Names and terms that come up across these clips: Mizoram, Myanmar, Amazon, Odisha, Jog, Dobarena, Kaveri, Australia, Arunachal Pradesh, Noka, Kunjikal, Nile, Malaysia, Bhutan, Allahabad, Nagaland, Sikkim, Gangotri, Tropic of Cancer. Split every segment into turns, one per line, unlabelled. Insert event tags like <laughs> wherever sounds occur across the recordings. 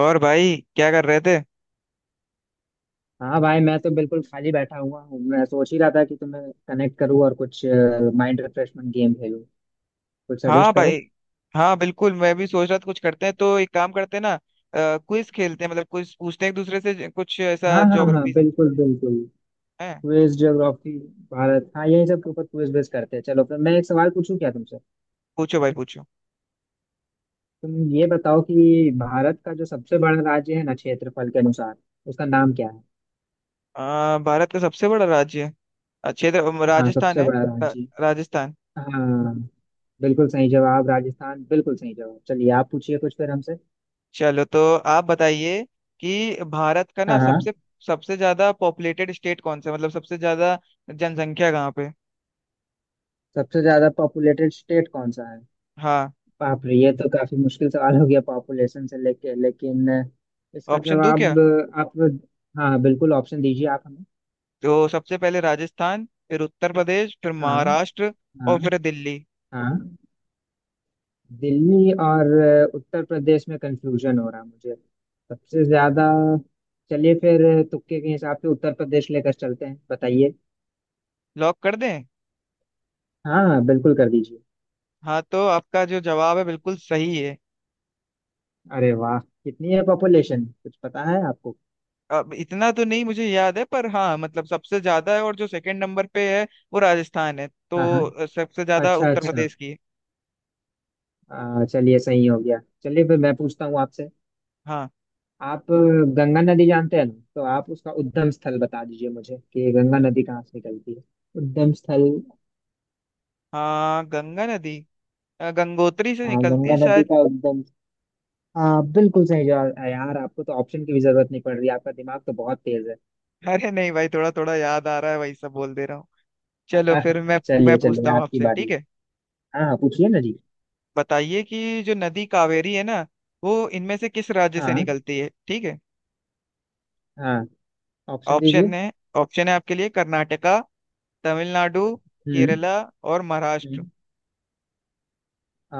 और भाई क्या कर रहे थे?
हाँ भाई, मैं तो बिल्कुल खाली बैठा हुआ हूँ। मैं सोच ही रहा था कि तुम्हें कनेक्ट करूँ और कुछ माइंड रिफ्रेशमेंट गेम खेलूँ। कुछ
हाँ
सजेस्ट करो।
भाई। हाँ, बिल्कुल। मैं भी सोच रहा था कुछ करते हैं, तो एक काम करते हैं ना। क्विज खेलते हैं, मतलब क्विज पूछते हैं एक दूसरे से, कुछ
हाँ
ऐसा
हाँ हाँ,
ज्योग्राफी से
बिल्कुल बिल्कुल।
है।
क्विज, ज्योग्राफी, भारत, हाँ यही सब के ऊपर क्विज बेस करते हैं। चलो फिर मैं एक सवाल पूछूं क्या तुमसे।
पूछो भाई, पूछो।
तुम ये बताओ कि भारत का जो सबसे बड़ा राज्य है ना क्षेत्रफल के अनुसार, उसका नाम क्या है।
भारत का सबसे बड़ा राज्य क्षेत्र
हाँ,
राजस्थान
सबसे
है।
बड़ा
रा-
राज्य।
राजस्थान।
हाँ, बिल्कुल सही जवाब, राजस्थान, बिल्कुल सही जवाब। चलिए आप पूछिए कुछ फिर हमसे।
चलो, तो आप बताइए कि भारत का ना
हाँ हाँ।
सबसे सबसे ज्यादा पॉपुलेटेड स्टेट कौन सा है? मतलब सबसे ज्यादा जनसंख्या कहाँ पे।
सबसे ज्यादा पॉपुलेटेड स्टेट कौन सा है।
हाँ,
बाप रे, ये तो काफी मुश्किल सवाल हो गया पॉपुलेशन से लेके, लेकिन इसका
ऑप्शन दूं क्या?
जवाब। आप, हाँ बिल्कुल, ऑप्शन दीजिए आप हमें।
तो सबसे पहले राजस्थान, फिर उत्तर प्रदेश, फिर
हाँ
महाराष्ट्र, और
हाँ
फिर दिल्ली।
हाँ। दिल्ली और उत्तर प्रदेश में कंफ्यूजन हो रहा है मुझे। सबसे ज्यादा। चलिए फिर, तुक्के के हिसाब से उत्तर प्रदेश लेकर चलते हैं, बताइए।
लॉक कर दें?
हाँ हाँ, बिल्कुल कर दीजिए।
हाँ, तो आपका जो जवाब है बिल्कुल सही है।
अरे वाह, कितनी है पॉपुलेशन, कुछ पता है आपको।
अब इतना तो नहीं मुझे याद है, पर हाँ, मतलब सबसे ज्यादा है। और जो सेकंड नंबर पे है वो राजस्थान है।
हाँ हाँ,
तो सबसे ज्यादा
अच्छा
उत्तर
अच्छा।
प्रदेश की है।
चलिए सही हो गया। चलिए फिर मैं पूछता हूँ आपसे।
हाँ,
आप गंगा नदी जानते हैं ना, तो आप उसका उद्गम स्थल बता दीजिए मुझे कि गंगा नदी कहाँ से निकलती है। उद्गम स्थल।
हाँ। गंगा नदी गंगोत्री से
हाँ,
निकलती
गंगा
है
नदी
शायद।
का उद्गम। हाँ बिल्कुल सही जवाब है यार। आपको तो ऑप्शन की भी जरूरत नहीं पड़ रही, आपका दिमाग तो बहुत तेज है।
अरे नहीं भाई, थोड़ा थोड़ा याद आ रहा है, वही सब बोल दे रहा हूँ। चलो, फिर मैं
<laughs>
मैं
चलिए
पूछता
चलिए,
हूँ
आपकी
आपसे, ठीक
बारी।
है?
हाँ हाँ, पूछिए ना जी।
बताइए कि जो नदी कावेरी है ना, वो इनमें से किस राज्य से
हाँ
निकलती है, ठीक है।
हाँ, ऑप्शन दीजिए।
ऑप्शन है ऑप्शन है आपके लिए: कर्नाटका, तमिलनाडु,
हम्म।
केरला और महाराष्ट्र।
हम्म। आ,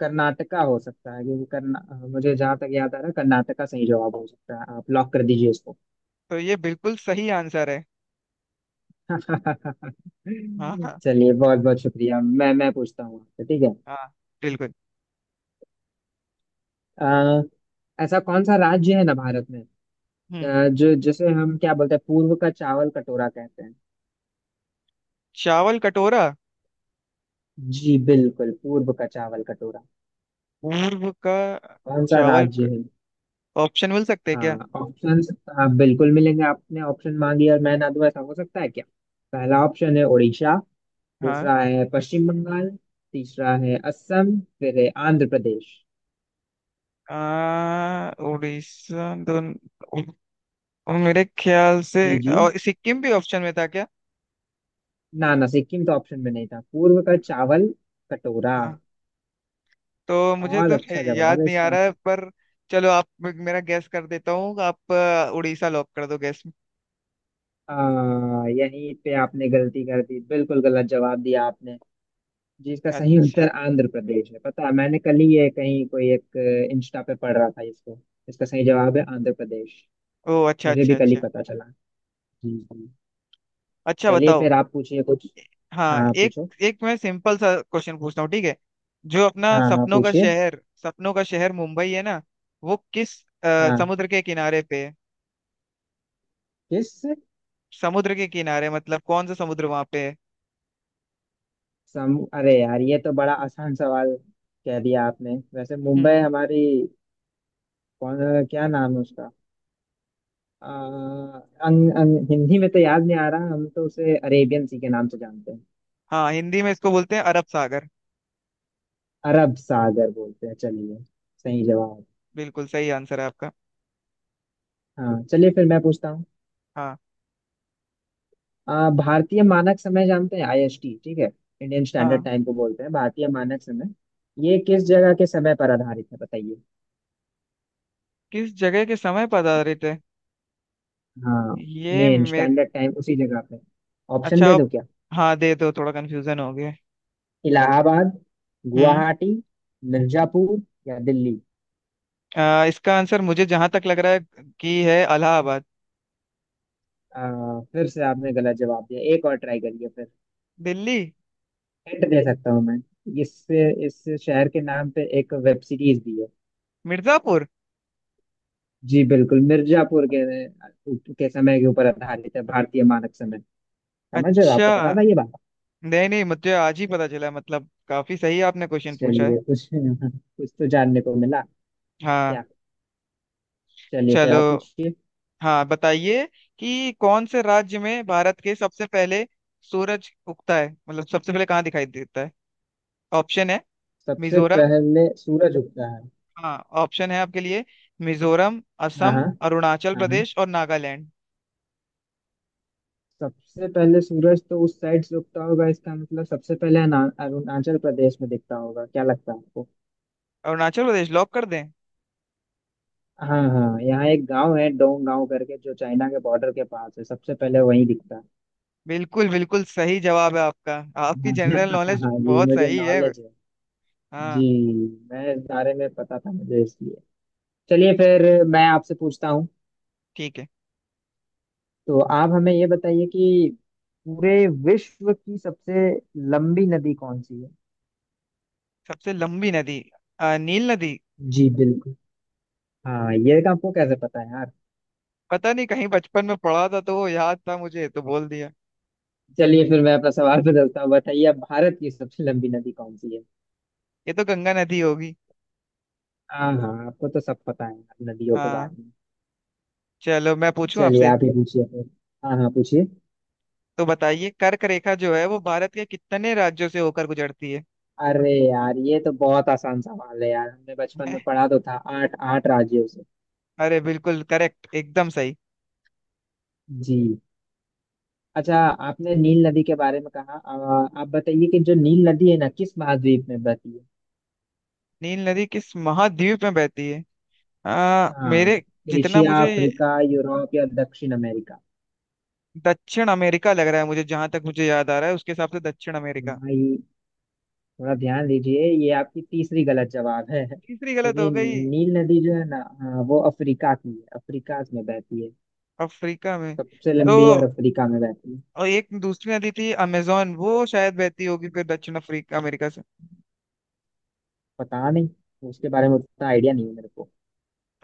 कर्नाटका हो सकता है क्योंकि कर्ना, मुझे जहाँ तक याद आ रहा है कर्नाटका सही जवाब हो सकता है, आप लॉक कर दीजिए इसको।
तो ये बिल्कुल सही आंसर है। हाँ, हाँ,
चलिए बहुत बहुत शुक्रिया। मैं पूछता हूँ आपसे ठीक है।
हाँ, बिल्कुल।
अ, ऐसा कौन सा राज्य है ना भारत में,
हम्म।
जो जिसे हम क्या बोलते हैं, पूर्व का चावल कटोरा कहते हैं।
चावल कटोरा।
जी बिल्कुल, पूर्व का चावल कटोरा।
पूर्व का।
कौन सा
चावल
राज्य
क-
है।
ऑप्शन मिल सकते हैं क्या?
हाँ ऑप्शंस, हाँ बिल्कुल मिलेंगे। आपने ऑप्शन मांगी और मैं ना दूं, ऐसा हो सकता है क्या। पहला ऑप्शन है उड़ीसा,
हाँ।
दूसरा है पश्चिम बंगाल, तीसरा है असम, फिर है आंध्र प्रदेश।
उड़ीसा, उ- मेरे ख्याल से।
जी जी।
और सिक्किम भी ऑप्शन में था क्या?
ना ना, सिक्किम तो ऑप्शन में नहीं था। पूर्व का चावल कटोरा,
हाँ। तो मुझे
और
तो
अच्छा जवाब
याद
है
नहीं आ
इसका।
रहा है, पर चलो, आप मेरा गैस कर देता हूँ। आप उड़ीसा लॉक कर दो गैस में।
यहीं पे आपने गलती कर दी, बिल्कुल गलत जवाब दिया आपने, जिसका सही उत्तर
अच्छा।
आंध्र प्रदेश है। पता है मैंने कल ही ये कहीं कोई एक इंस्टा पे पढ़ रहा था इसको। इसका सही जवाब है आंध्र प्रदेश।
ओ अच्छा,
मुझे भी
अच्छा,
कल ही
अच्छा।
पता चला। जी जी।
अच्छा,
चलिए
बताओ।
फिर आप पूछिए कुछ। हाँ
हाँ,
हाँ,
एक
पूछो।
एक मैं सिंपल सा क्वेश्चन पूछता हूँ, ठीक है? जो अपना
हाँ हाँ,
सपनों का
पूछिए।
शहर सपनों का शहर मुंबई है ना, वो किस
हाँ,
समुद्र के किनारे पे है?
किस।
समुद्र के किनारे, मतलब कौन सा समुद्र वहां पे है?
सम अरे यार ये तो बड़ा आसान सवाल कह दिया आपने। वैसे मुंबई
हम्म।
हमारी, कौन, क्या नाम है उसका। हिंदी में तो याद नहीं आ रहा, हम तो उसे अरेबियन सी के नाम से जानते हैं।
हाँ, हिंदी में इसको बोलते हैं अरब सागर।
अरब सागर बोलते हैं, चलिए। सही जवाब।
बिल्कुल सही आंसर है आपका।
हाँ चलिए फिर मैं पूछता हूँ।
हाँ,
भारतीय मानक समय जानते हैं, आईएसटी, ठीक है। इंडियन स्टैंडर्ड
हाँ।
टाइम को बोलते हैं भारतीय मानक समय। ये किस जगह के समय पर आधारित है बताइए।
किस जगह के समय पधारे थे?
हाँ,
ये
मेन
मेरे।
स्टैंडर्ड टाइम उसी जगह पे। ऑप्शन
अच्छा,
दे
आप।
दो क्या।
हाँ, दे दो, थोड़ा कंफ्यूजन हो गया।
इलाहाबाद,
हम्म।
गुवाहाटी, मिर्जापुर या दिल्ली।
इसका आंसर मुझे जहां तक लग रहा है कि है इलाहाबाद।
फिर से आपने गलत जवाब दिया, एक और ट्राई करिए फिर।
दिल्ली।
हिंट दे सकता हूँ मैं, इससे इस शहर के नाम पे एक वेब सीरीज भी है।
मिर्जापुर।
जी बिल्कुल, मिर्जापुर के समय के ऊपर आधारित है भारतीय मानक समय। समझ रहे हो,
अच्छा।
आपको पता था ये बात।
नहीं, नहीं, मुझे आज ही पता चला, मतलब काफी सही आपने क्वेश्चन पूछा है।
चलिए कुछ <laughs> कुछ तो जानने को मिला,
हाँ।
क्या। चलिए फिर
चलो।
आप पूछिए।
हाँ, बताइए कि कौन से राज्य में भारत के सबसे पहले सूरज उगता है, मतलब सबसे पहले कहाँ दिखाई देता है। ऑप्शन है।
सबसे
मिजोरम।
पहले सूरज उगता है।
हाँ, ऑप्शन है आपके लिए: मिजोरम,
हाँ हाँ।
असम, अरुणाचल
हाँ हाँ।
प्रदेश और नागालैंड।
सबसे पहले सूरज तो उस साइड से उगता होगा, इसका मतलब सबसे पहले अरुणाचल प्रदेश में दिखता होगा, क्या लगता है आपको।
अरुणाचल प्रदेश लॉक कर दें?
हाँ हाँ, यहाँ एक गांव है डोंग गांव करके, जो चाइना के बॉर्डर के पास है, सबसे पहले वहीं दिखता है।
बिल्कुल बिल्कुल सही जवाब है आपका। आपकी जनरल
<laughs>
नॉलेज
हाँ जी,
बहुत
मुझे
सही है।
नॉलेज है। जी,
हाँ,
मैं इस बारे में पता था मुझे इसलिए। चलिए फिर मैं आपसे पूछता हूँ,
ठीक है।
तो आप हमें ये बताइए कि पूरे विश्व की सबसे लंबी नदी कौन सी है।
सबसे लंबी नदी, नील नदी।
जी बिल्कुल। हाँ, ये आपको कैसे पता है यार।
पता नहीं, कहीं बचपन में पढ़ा था तो वो याद था मुझे, तो बोल दिया।
चलिए फिर मैं अपना सवाल बदलता हूँ, बताइए आप, भारत की सबसे लंबी नदी कौन सी है।
ये तो गंगा नदी होगी।
हाँ हाँ, आपको तो सब पता है यार नदियों के
हाँ।
बारे में।
चलो, मैं पूछूं
चलिए
आपसे?
आप ही पूछिए फिर। हाँ हाँ पूछिए।
तो बताइए कर्क रेखा जो है वो भारत के कितने राज्यों से होकर गुजरती है?
अरे यार ये तो बहुत आसान सवाल है यार, हमने बचपन में
<laughs>
पढ़ा तो था, 8 आठ राज्यों से।
अरे बिल्कुल करेक्ट, एकदम सही।
जी। अच्छा, आपने नील नदी के बारे में कहा, आप बताइए कि जो नील नदी है ना, किस महाद्वीप में बहती है।
नील नदी किस महाद्वीप में बहती है?
हाँ,
मेरे, जितना
एशिया,
मुझे।
अफ्रीका, यूरोप या दक्षिण अमेरिका।
दक्षिण अमेरिका लग रहा है मुझे, जहां तक मुझे याद आ रहा है उसके हिसाब से दक्षिण अमेरिका।
भाई, थोड़ा ध्यान दीजिए, ये आपकी तीसरी गलत जवाब है। <laughs>
तीसरी गलत हो
क्योंकि
गई।
नील नदी जो है ना, हाँ, वो अफ्रीका की है, अफ्रीका में बहती है,
अफ्रीका में।
सबसे
तो,
लंबी, और अफ्रीका में बहती है।
और एक दूसरी नदी थी अमेजोन, वो शायद बहती होगी फिर दक्षिण अफ्रीका अमेरिका से।
पता नहीं, उसके बारे में उतना आइडिया नहीं है मेरे को।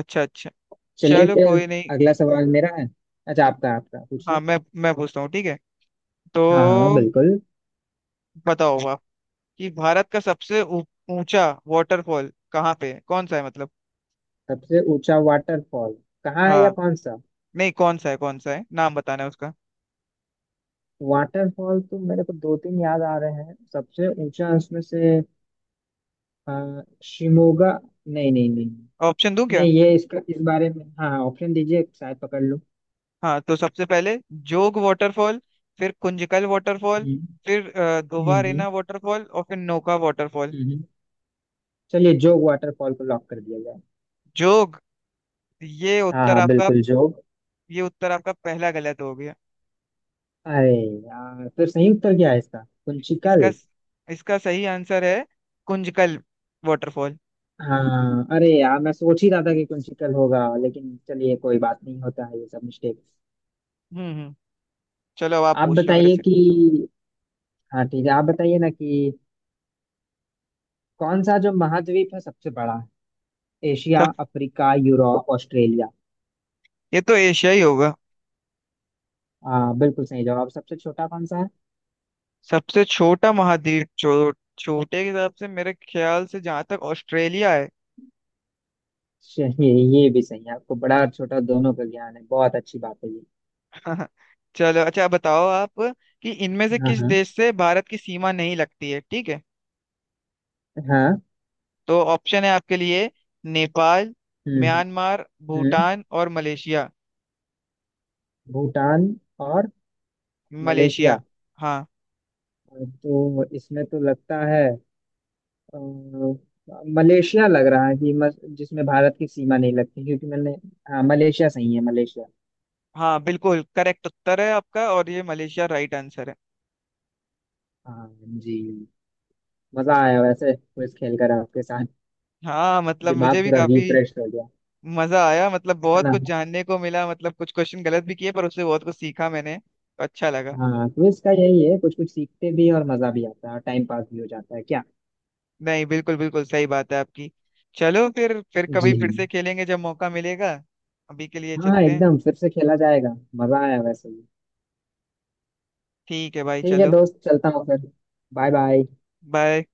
अच्छा, अच्छा।
चलिए
चलो,
फिर,
कोई नहीं।
अगला सवाल मेरा है। अच्छा, आपका आपका
हाँ,
पूछिए।
मैं पूछता हूँ, ठीक है? तो
हाँ हाँ बिल्कुल।
बताओ आप कि भारत का सबसे ऊंचा वाटरफॉल कहाँ पे है, कौन सा है मतलब?
सबसे ऊंचा वाटरफॉल कहाँ है या
हाँ।
कौन सा।
नहीं, कौन सा है, कौन सा है, नाम बताना है उसका।
वाटरफॉल तो मेरे को दो तीन याद आ रहे हैं सबसे ऊंचा, उसमें से शिमोगा, नहीं नहीं नहीं।
ऑप्शन दूं क्या?
नहीं ये इसका, इस बारे में हाँ हाँ ऑप्शन दीजिए, शायद पकड़ लूँ।
हाँ, तो सबसे पहले जोग वाटरफॉल, फिर कुंजकल वाटरफॉल,
हम्म।
फिर
हम्म। हम्म।
दोबारेना वाटरफॉल, और फिर नोका वाटरफॉल।
हम्म। चलिए जोग वाटरफॉल को लॉक कर दिया जाए।
जोग। ये
हाँ
उत्तर
हाँ
आपका?
बिल्कुल, जोग।
ये उत्तर आपका पहला गलत हो गया।
अरे यार, फिर सही उत्तर क्या है इसका,
इसका
कुंचिकल।
इसका सही आंसर है कुंजकल वाटरफॉल।
हाँ, अरे यार मैं सोच ही रहा था कि कुंचिकल होगा, लेकिन चलिए कोई बात नहीं, होता है ये सब मिस्टेक।
हम्म, हम्म। चलो, अब आप
आप
पूछ लो मेरे
बताइए
से।
कि, हाँ ठीक है, आप बताइए ना कि कौन सा जो महाद्वीप है सबसे बड़ा है, एशिया,
सब-
अफ्रीका, यूरोप, ऑस्ट्रेलिया।
ये तो एशिया ही होगा।
हाँ बिल्कुल सही जवाब। सबसे छोटा कौन सा है।
सबसे छोटा महाद्वीप, छोटे के हिसाब से मेरे ख्याल से जहां तक ऑस्ट्रेलिया है।
श- ये ये भी सही है, आपको बड़ा और छोटा दोनों का ज्ञान है, बहुत अच्छी बात है ये।
हाँ, हाँ। चलो, अच्छा बताओ आप कि इनमें से
हाँ
किस
हाँ।
देश से भारत की सीमा नहीं लगती है, ठीक है?
हाँ।
तो ऑप्शन है आपके लिए: नेपाल,
हम्म।
म्यांमार,
हम्म।
भूटान और मलेशिया।
भूटान और
मलेशिया।
मलेशिया।
हाँ।
तो इसमें तो लगता है अ, मलेशिया लग रहा है कि जिसमें भारत की सीमा नहीं लगती, क्योंकि मैंने, हाँ मलेशिया सही है, मलेशिया।
हाँ, बिल्कुल करेक्ट उत्तर है आपका, और ये मलेशिया राइट आंसर है।
हाँ जी। मजा आया वैसे, क्विज खेल कर आपके साथ,
हाँ, मतलब मुझे
दिमाग
भी
पूरा
काफी
रिफ्रेश हो गया।
मजा आया। मतलब
है
बहुत
ना।
कुछ जानने को मिला, मतलब कुछ क्वेश्चन गलत भी किए, पर उससे बहुत कुछ सीखा, मैंने तो अच्छा लगा।
हाँ, क्विज का यही है, कुछ कुछ सीखते भी हैं और मजा भी आता है, और टाइम पास भी हो जाता है, क्या।
नहीं, बिल्कुल बिल्कुल सही बात है आपकी। चलो फिर
जी
कभी फिर से खेलेंगे जब मौका मिलेगा। अभी के लिए
हाँ,
चलते हैं।
एकदम फिर से खेला जाएगा, मजा आया वैसे भी।
ठीक है भाई,
ठीक है
चलो।
दोस्त, चलता हूँ फिर, बाय बाय।
बाय।